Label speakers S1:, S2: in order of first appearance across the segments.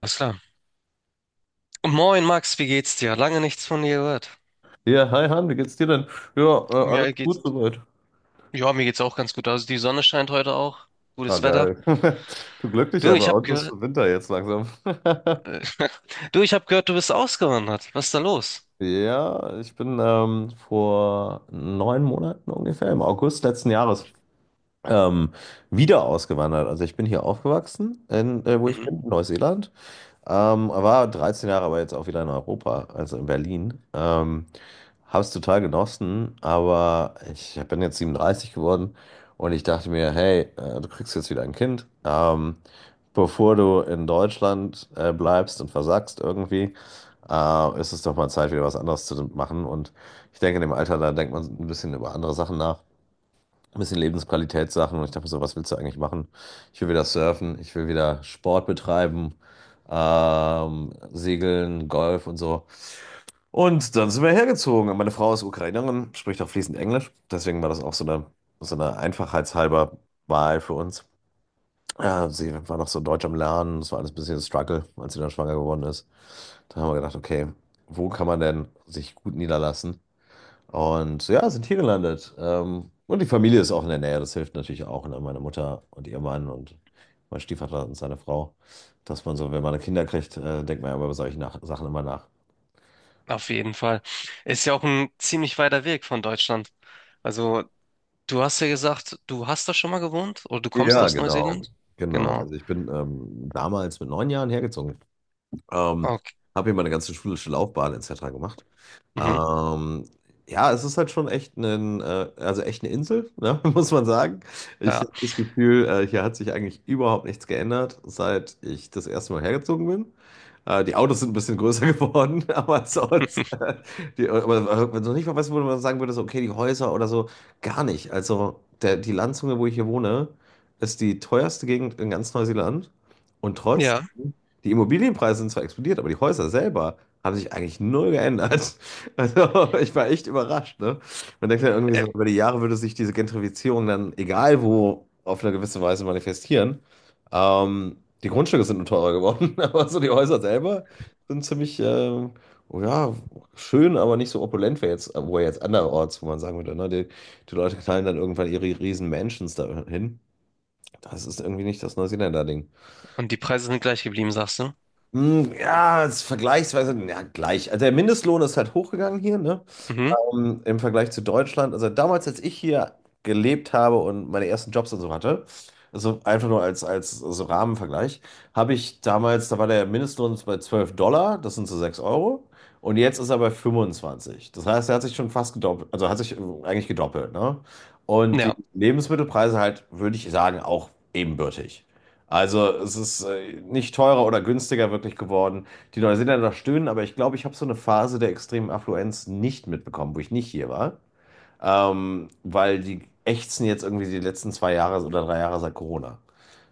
S1: Alles klar. Und Moin Max, wie geht's dir? Lange nichts von dir gehört.
S2: Ja, hi Han, wie geht's dir denn? Ja, alles
S1: Mir
S2: gut
S1: geht's,
S2: soweit.
S1: ja, mir geht's auch ganz gut. Also die Sonne scheint heute auch.
S2: Ah,
S1: Gutes Wetter.
S2: geil. Du
S1: Du,
S2: Glücklicher, bei
S1: ich hab
S2: uns ist
S1: gehört,
S2: schon Winter jetzt langsam.
S1: du, ich hab gehört, du bist ausgewandert. Was ist da los?
S2: Ja, ich bin vor 9 Monaten ungefähr, im August letzten Jahres, ähm, wieder ausgewandert. Also ich bin hier aufgewachsen, wo ich
S1: Mhm.
S2: bin, in Neuseeland. War 13 Jahre, aber jetzt auch wieder in Europa, also in Berlin. Habe es total genossen, aber ich bin jetzt 37 geworden und ich dachte mir, hey, du kriegst jetzt wieder ein Kind. Bevor du in Deutschland bleibst und versackst irgendwie, ist es doch mal Zeit, wieder was anderes zu machen. Und ich denke, in dem Alter, da denkt man ein bisschen über andere Sachen nach, ein bisschen Lebensqualitätssachen. Und ich dachte mir so, was willst du eigentlich machen? Ich will wieder surfen, ich will wieder Sport betreiben, segeln, Golf und so. Und dann sind wir hergezogen. Und meine Frau ist Ukrainerin, spricht auch fließend Englisch. Deswegen war das auch so eine einfachheitshalber Wahl für uns. Ja, sie war noch so deutsch am Lernen. Das war alles ein bisschen ein Struggle, als sie dann schwanger geworden ist. Da haben wir gedacht, okay, wo kann man denn sich gut niederlassen? Und ja, sind hier gelandet. Und die Familie ist auch in der Nähe. Das hilft natürlich auch. Ne? Meine Mutter und ihr Mann und mein Stiefvater und seine Frau. Dass man so, wenn man Kinder kriegt, denkt man ja über solche nach Sachen immer nach.
S1: Auf jeden Fall. Ist ja auch ein ziemlich weiter Weg von Deutschland. Also, du hast ja gesagt, du hast da schon mal gewohnt oder du kommst
S2: Ja,
S1: aus
S2: genau.
S1: Neuseeland?
S2: Genau.
S1: Genau.
S2: Also ich bin damals mit 9 Jahren hergezogen. Ähm,
S1: Okay.
S2: habe hier meine ganze schulische Laufbahn etc. gemacht.
S1: Mhm.
S2: Ähm, ja, es ist halt schon echt also echt eine Insel, ne, muss man sagen. Ich
S1: Ja.
S2: habe das Gefühl, hier hat sich eigentlich überhaupt nichts geändert, seit ich das erste Mal hergezogen bin. Die Autos sind ein bisschen größer geworden, aber sonst, aber wenn du nicht mal weißt, wo man sagen würde, so, okay, die Häuser oder so, gar nicht. Also die Landzunge, wo ich hier wohne, ist die teuerste Gegend in ganz Neuseeland. Und
S1: Ja.
S2: trotzdem die Immobilienpreise sind zwar explodiert, aber die Häuser selber haben sich eigentlich null geändert. Also ich war echt überrascht, ne? Man denkt ja irgendwie
S1: Äh,
S2: so, über die Jahre würde sich diese Gentrifizierung dann, egal wo, auf eine gewisse Weise manifestieren. Ähm, die Grundstücke sind nur teurer geworden, aber so die Häuser selber sind ziemlich, oh ja, schön, aber nicht so opulent wie jetzt, wo jetzt anderorts, wo man sagen würde, ne? Die Leute knallen dann irgendwann ihre riesen Mansions da hin. Das ist irgendwie nicht das Neuseeländer-Ding.
S1: Und die Preise sind gleich geblieben, sagst du?
S2: Hm, ja, ist vergleichsweise, ja, gleich. Also der Mindestlohn ist halt hochgegangen hier, ne?
S1: Mhm.
S2: Im Vergleich zu Deutschland. Also damals, als ich hier gelebt habe und meine ersten Jobs und so hatte, also einfach nur als, als so Rahmenvergleich, habe ich damals, da war der Mindestlohn bei 12 Dollar, das sind so 6 Euro. Und jetzt ist er bei 25. Das heißt, er hat sich schon fast gedoppelt, also hat sich eigentlich gedoppelt, ne? Und die
S1: Ja.
S2: Lebensmittelpreise halt, würde ich sagen, auch ebenbürtig. Also es ist nicht teurer oder günstiger wirklich geworden. Die Neuseeländer noch stöhnen, aber ich glaube, ich habe so eine Phase der extremen Affluenz nicht mitbekommen, wo ich nicht hier war. Weil die ächzen jetzt irgendwie die letzten zwei Jahre oder drei Jahre seit Corona.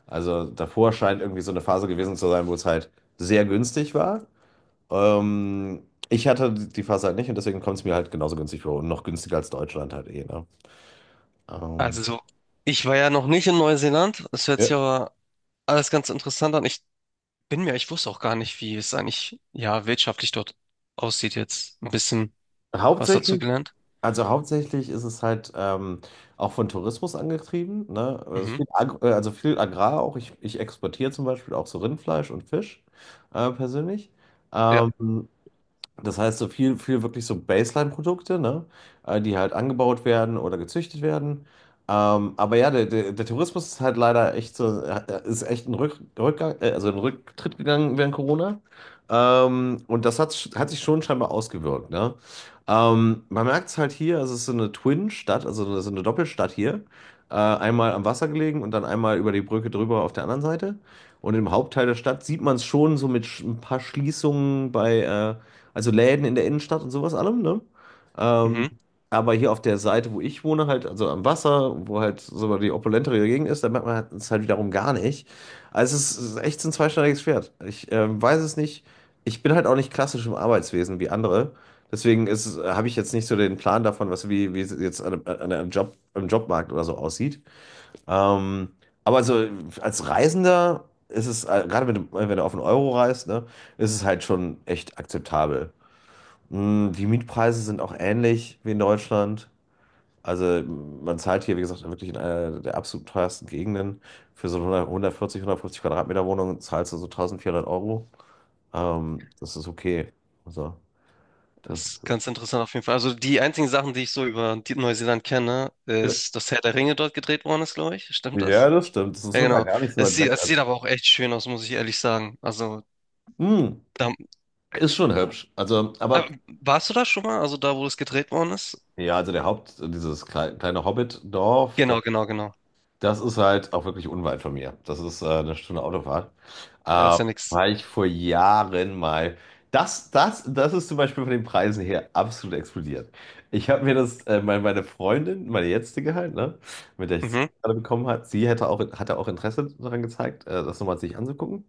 S2: Also davor scheint irgendwie so eine Phase gewesen zu sein, wo es halt sehr günstig war. Ähm, ich hatte die Phase halt nicht und deswegen kommt es mir halt genauso günstig vor und noch günstiger als Deutschland halt eh, ne? Ähm,
S1: Also, so, ich war ja noch nicht in Neuseeland. Das hört sich
S2: Ja.
S1: aber alles ganz interessant an. Ich wusste auch gar nicht, wie es eigentlich, ja, wirtschaftlich dort aussieht jetzt. Ein bisschen was dazu
S2: Hauptsächlich,
S1: gelernt.
S2: also hauptsächlich ist es halt auch von Tourismus angetrieben, ne?
S1: Mhm.
S2: Also viel Agrar auch. Ich exportiere zum Beispiel auch so Rindfleisch und Fisch persönlich.
S1: Ja,
S2: Ähm, das heißt, so viel, viel wirklich so Baseline-Produkte, ne? Die halt angebaut werden oder gezüchtet werden. Aber ja, der Tourismus ist halt leider echt so, ist echt ein Rückgang, also ein Rücktritt gegangen während Corona. Und das hat sich schon scheinbar ausgewirkt, ne? Man merkt es halt hier, also es ist so eine Twin-Stadt, also so eine Doppelstadt hier. Einmal am Wasser gelegen und dann einmal über die Brücke drüber auf der anderen Seite. Und im Hauptteil der Stadt sieht man es schon so mit ein paar Schließungen bei, also Läden in der Innenstadt und sowas allem, ne? Ähm,
S1: mhm.
S2: aber hier auf der Seite, wo ich wohne, halt, also am Wasser, wo halt so die opulentere Gegend ist, da merkt man halt- es halt wiederum gar nicht. Also es ist echt so ein zweischneidiges Schwert. Ich weiß es nicht. Ich bin halt auch nicht klassisch im Arbeitswesen wie andere. Deswegen habe ich jetzt nicht so den Plan davon, was wie, wie es jetzt an Job, im Jobmarkt oder so aussieht. Ähm, aber also als Reisender ist es, gerade wenn du auf den Euro reist, ne, ist es halt schon echt akzeptabel. Die Mietpreise sind auch ähnlich wie in Deutschland. Also man zahlt hier, wie gesagt, wirklich in einer der absolut teuersten Gegenden. Für so eine 100 140, 150 Quadratmeter Wohnung zahlst du so 1400 Euro. Das ist okay. Also, das,
S1: Ist ganz interessant auf jeden Fall. Also, die einzigen Sachen, die ich so über die Neuseeland kenne, ist, dass Herr der Ringe dort gedreht worden ist, glaube ich. Stimmt das?
S2: ja, das stimmt. Das ist
S1: Ja,
S2: sogar
S1: genau.
S2: gar nicht so weit weg.
S1: Es
S2: Also,
S1: sieht aber auch echt schön aus, muss ich ehrlich sagen. Also,
S2: mm,
S1: da,
S2: ist schon hübsch. Also,
S1: aber
S2: aber
S1: warst du da schon mal? Also, da, wo es gedreht worden ist?
S2: ja, also dieses kleine Hobbit-Dorf, das
S1: Genau, genau, genau.
S2: Das ist halt auch wirklich unweit von mir. Das ist eine Stunde Autofahrt.
S1: Ja,
S2: Ähm,
S1: ist ja nix.
S2: war ich vor Jahren mal. Das ist zum Beispiel von den Preisen her absolut explodiert. Ich habe mir das, meine Freundin, meine jetzige halt, ne, mit der ich es
S1: Mhm.
S2: gerade bekommen hat, sie hätte auch, hatte auch Interesse daran gezeigt, das nochmal sich anzugucken.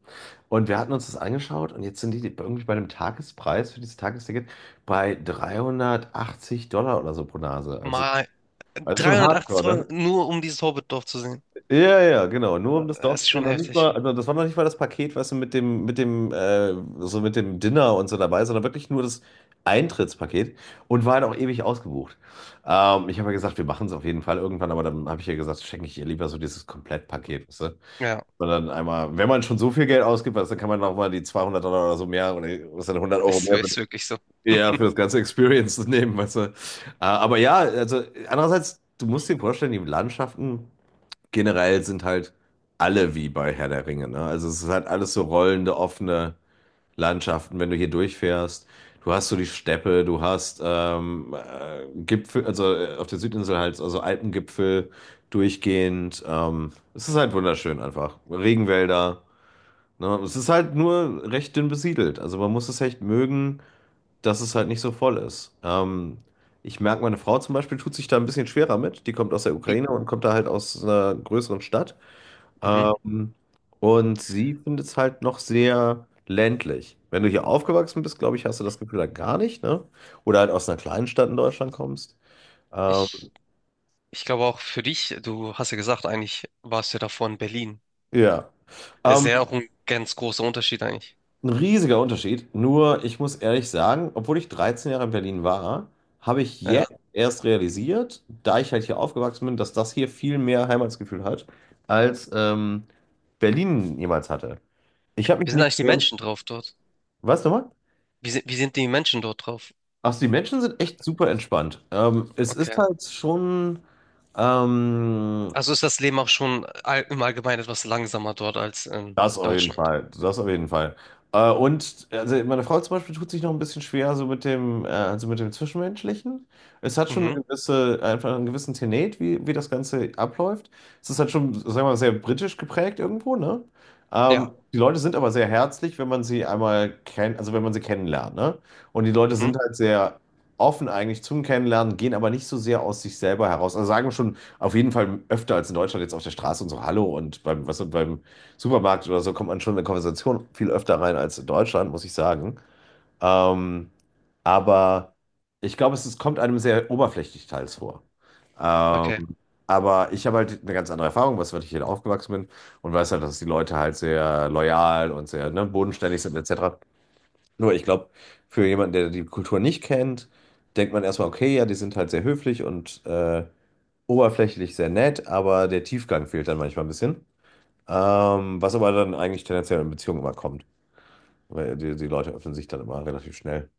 S2: Und wir hatten uns das angeschaut und jetzt sind die irgendwie bei einem Tagespreis für dieses Tagesticket bei 380 Dollar oder so pro Nase.
S1: Mal
S2: Also schon
S1: 380
S2: hardcore,
S1: Euro
S2: ne?
S1: nur um dieses Hobbitdorf zu sehen.
S2: Ja, ja, genau. Nur um das Dorf
S1: Das
S2: zu
S1: ist
S2: sehen,
S1: schon
S2: noch nicht mal,
S1: heftig.
S2: also das war noch nicht mal das Paket, weißt du, mit dem, so mit dem Dinner und so dabei, sondern wirklich nur das Eintrittspaket und war halt auch ewig ausgebucht. Ich habe ja gesagt, wir machen es auf jeden Fall irgendwann, aber dann habe ich ja gesagt, schenke ich ihr lieber so dieses Komplettpaket, weißt du?
S1: Ja,
S2: Und dann einmal, wenn man schon so viel Geld ausgibt, weißt du, dann kann man nochmal die 200 Dollar oder so mehr oder was dann 100 Euro
S1: es
S2: mehr sind,
S1: ist wirklich so.
S2: ja, für das ganze Experience nehmen, weißt du? Aber ja, also andererseits, du musst dir vorstellen, die Landschaften generell sind halt alle wie bei Herr der Ringe, ne? Also es ist halt alles so rollende, offene Landschaften, wenn du hier durchfährst. Du hast so die Steppe, du hast Gipfel, also auf der Südinsel halt, also Alpengipfel durchgehend. Es ist halt wunderschön einfach. Regenwälder, ne? Es ist halt nur recht dünn besiedelt. Also man muss es echt mögen, dass es halt nicht so voll ist. Ich merke, meine Frau zum Beispiel tut sich da ein bisschen schwerer mit. Die kommt aus der
S1: Ich,
S2: Ukraine und kommt da halt aus einer größeren Stadt.
S1: mhm.
S2: Ähm, und sie findet es halt noch sehr ländlich. Wenn du hier aufgewachsen bist, glaube ich, hast du das Gefühl halt gar nicht, ne? Oder halt aus einer kleinen Stadt in Deutschland kommst. Ähm,
S1: Ich, ich glaube auch, für dich, du hast ja gesagt, eigentlich warst du ja davor in Berlin.
S2: ja.
S1: Es ist
S2: Ähm,
S1: ja auch ein ganz großer Unterschied eigentlich.
S2: ein riesiger Unterschied. Nur, ich muss ehrlich sagen, obwohl ich 13 Jahre in Berlin war, habe ich
S1: Ja.
S2: jetzt erst realisiert, da ich halt hier aufgewachsen bin, dass das hier viel mehr Heimatsgefühl hat, als Berlin jemals hatte. Ich habe
S1: Wie
S2: mich
S1: sind
S2: nicht.
S1: eigentlich die Menschen drauf dort?
S2: Was nochmal?
S1: Wie sind die Menschen dort drauf?
S2: Ach, so, die Menschen sind echt super entspannt. Es ist
S1: Okay.
S2: halt schon. ähm,
S1: Also ist das Leben auch schon all, im Allgemeinen etwas langsamer dort als in
S2: Das auf jeden
S1: Deutschland.
S2: Fall, das auf jeden Fall. Und also meine Frau zum Beispiel tut sich noch ein bisschen schwer so mit dem, also mit dem Zwischenmenschlichen. Es hat schon
S1: Mhm.
S2: eine gewisse, einfach einen gewissen Tenet, wie das Ganze abläuft. Es ist halt schon, sagen wir mal, sehr britisch geprägt irgendwo, ne? Ähm,
S1: Ja.
S2: die Leute sind aber sehr herzlich, wenn man sie einmal kennt, also wenn man sie kennenlernt, ne? Und die Leute
S1: Mhm.
S2: sind halt sehr offen eigentlich zum Kennenlernen, gehen aber nicht so sehr aus sich selber heraus. Also sagen schon auf jeden Fall öfter als in Deutschland jetzt auf der Straße und so Hallo und beim, was und beim Supermarkt oder so kommt man schon in eine Konversation viel öfter rein als in Deutschland, muss ich sagen. Ähm, aber ich glaube, es kommt einem sehr oberflächlich teils vor.
S1: Okay.
S2: Ähm, aber ich habe halt eine ganz andere Erfahrung, was weil ich hier aufgewachsen bin und weiß halt, dass die Leute halt sehr loyal und sehr, ne, bodenständig sind etc. Nur ich glaube, für jemanden, der die Kultur nicht kennt, denkt man erstmal, okay, ja, die sind halt sehr höflich und oberflächlich sehr nett, aber der Tiefgang fehlt dann manchmal ein bisschen. Was aber dann eigentlich tendenziell in Beziehungen immer kommt, weil die Leute öffnen sich dann immer relativ schnell.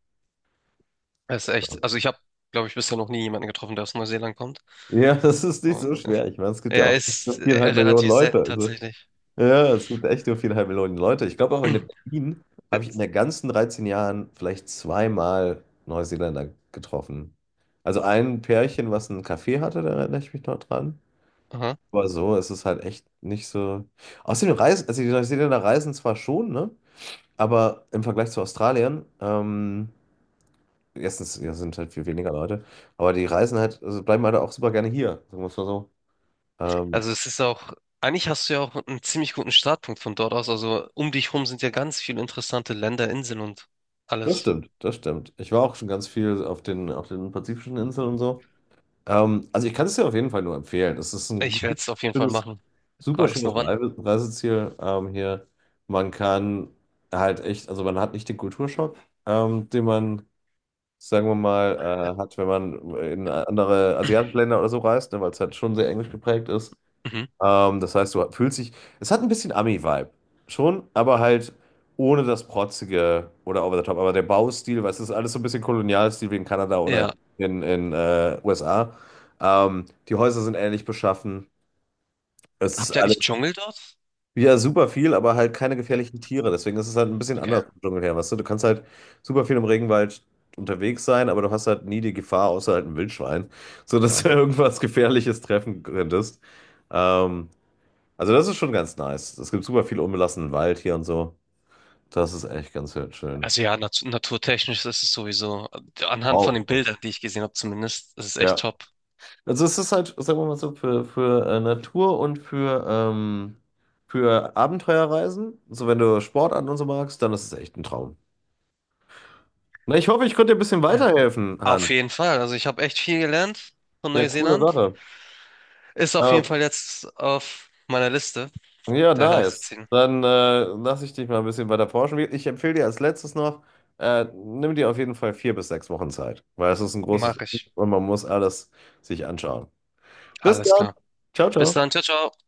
S1: Das ist echt. Also ich habe, glaube ich, bisher noch nie jemanden getroffen, der aus Neuseeland kommt.
S2: Ja, das ist nicht so schwer. Ich meine, es gibt ja
S1: Ja,
S2: auch
S1: ist
S2: nur 4,5 Millionen
S1: relativ
S2: Leute.
S1: selten
S2: Also,
S1: tatsächlich.
S2: ja, es gibt echt nur 4,5 Millionen Leute. Ich glaube, auch in Berlin
S1: Äh,
S2: habe ich in den ganzen 13 Jahren vielleicht zweimal Neuseeländer getroffen. Also ein Pärchen, was einen Café hatte, da erinnere ich mich noch dran.
S1: Aha.
S2: Aber so ist es halt echt nicht so. Außerdem reisen, also die Neuseeländer reisen zwar schon, ne? Aber im Vergleich zu Australien, Erstens, ja, sind halt viel weniger Leute, aber die reisen halt, also bleiben halt auch super gerne hier, sagen wir es mal so. Ähm,
S1: Also es ist auch, eigentlich hast du ja auch einen ziemlich guten Startpunkt von dort aus. Also um dich rum sind ja ganz viele interessante Länder, Inseln und
S2: das
S1: alles.
S2: stimmt, das stimmt. Ich war auch schon ganz viel auf den pazifischen Inseln und so. Also ich kann es dir auf jeden Fall nur empfehlen. Es ist ein
S1: Ich werde es auf jeden Fall
S2: schönes,
S1: machen.
S2: super
S1: Frage ist nur
S2: schönes
S1: wann.
S2: Reiseziel hier. Man kann halt echt, also man hat nicht den Kulturschock, den man, sagen wir mal, hat, wenn man in andere asiatische Länder oder so reist, ne, weil es halt schon sehr englisch geprägt ist.
S1: Mhm.
S2: Das heißt, du fühlst dich. Es hat ein bisschen Ami-Vibe. Schon, aber halt ohne das Protzige oder over the top. Aber der Baustil, weißt du, das ist alles so ein bisschen Kolonialstil wie in Kanada oder
S1: Ja.
S2: in USA. Die Häuser sind ähnlich beschaffen. Es ist
S1: Habt ihr eigentlich
S2: alles,
S1: Dschungel dort?
S2: ja, super viel, aber halt keine
S1: Äh,
S2: gefährlichen Tiere. Deswegen ist es halt ein bisschen
S1: Okay.
S2: anders im Dschungel her, weißt du? Du kannst halt super viel im Regenwald unterwegs sein, aber du hast halt nie die Gefahr, außer halt ein Wildschwein, so dass du irgendwas Gefährliches treffen könntest. Ähm, also das ist schon ganz nice. Es gibt super viel unbelassenen Wald hier und so. Das ist echt ganz schön.
S1: Also ja, naturtechnisch ist es sowieso, anhand von den
S2: Wow.
S1: Bildern, die ich gesehen habe zumindest, ist es echt
S2: Ja.
S1: top.
S2: Also es ist halt, sagen wir mal so, für Natur und für Abenteuerreisen. So, wenn du Sport an und so magst, dann ist es echt ein Traum. Na, ich hoffe, ich konnte dir ein bisschen
S1: Ja.
S2: weiterhelfen,
S1: Auf
S2: Han.
S1: jeden Fall. Also ich habe echt viel gelernt von
S2: Ja, coole
S1: Neuseeland.
S2: Sache.
S1: Ist auf jeden
S2: Ähm,
S1: Fall jetzt auf meiner Liste.
S2: Ja,
S1: Der
S2: nice.
S1: Reiseziehen.
S2: Dann lasse ich dich mal ein bisschen weiter forschen. Ich empfehle dir als letztes noch, nimm dir auf jeden Fall 4 bis 6 Wochen Zeit, weil es ist ein großes
S1: Mache ich.
S2: und man muss alles sich anschauen. Bis
S1: Alles
S2: dann.
S1: klar.
S2: Ciao,
S1: Bis dann.
S2: ciao.
S1: Ciao, ciao.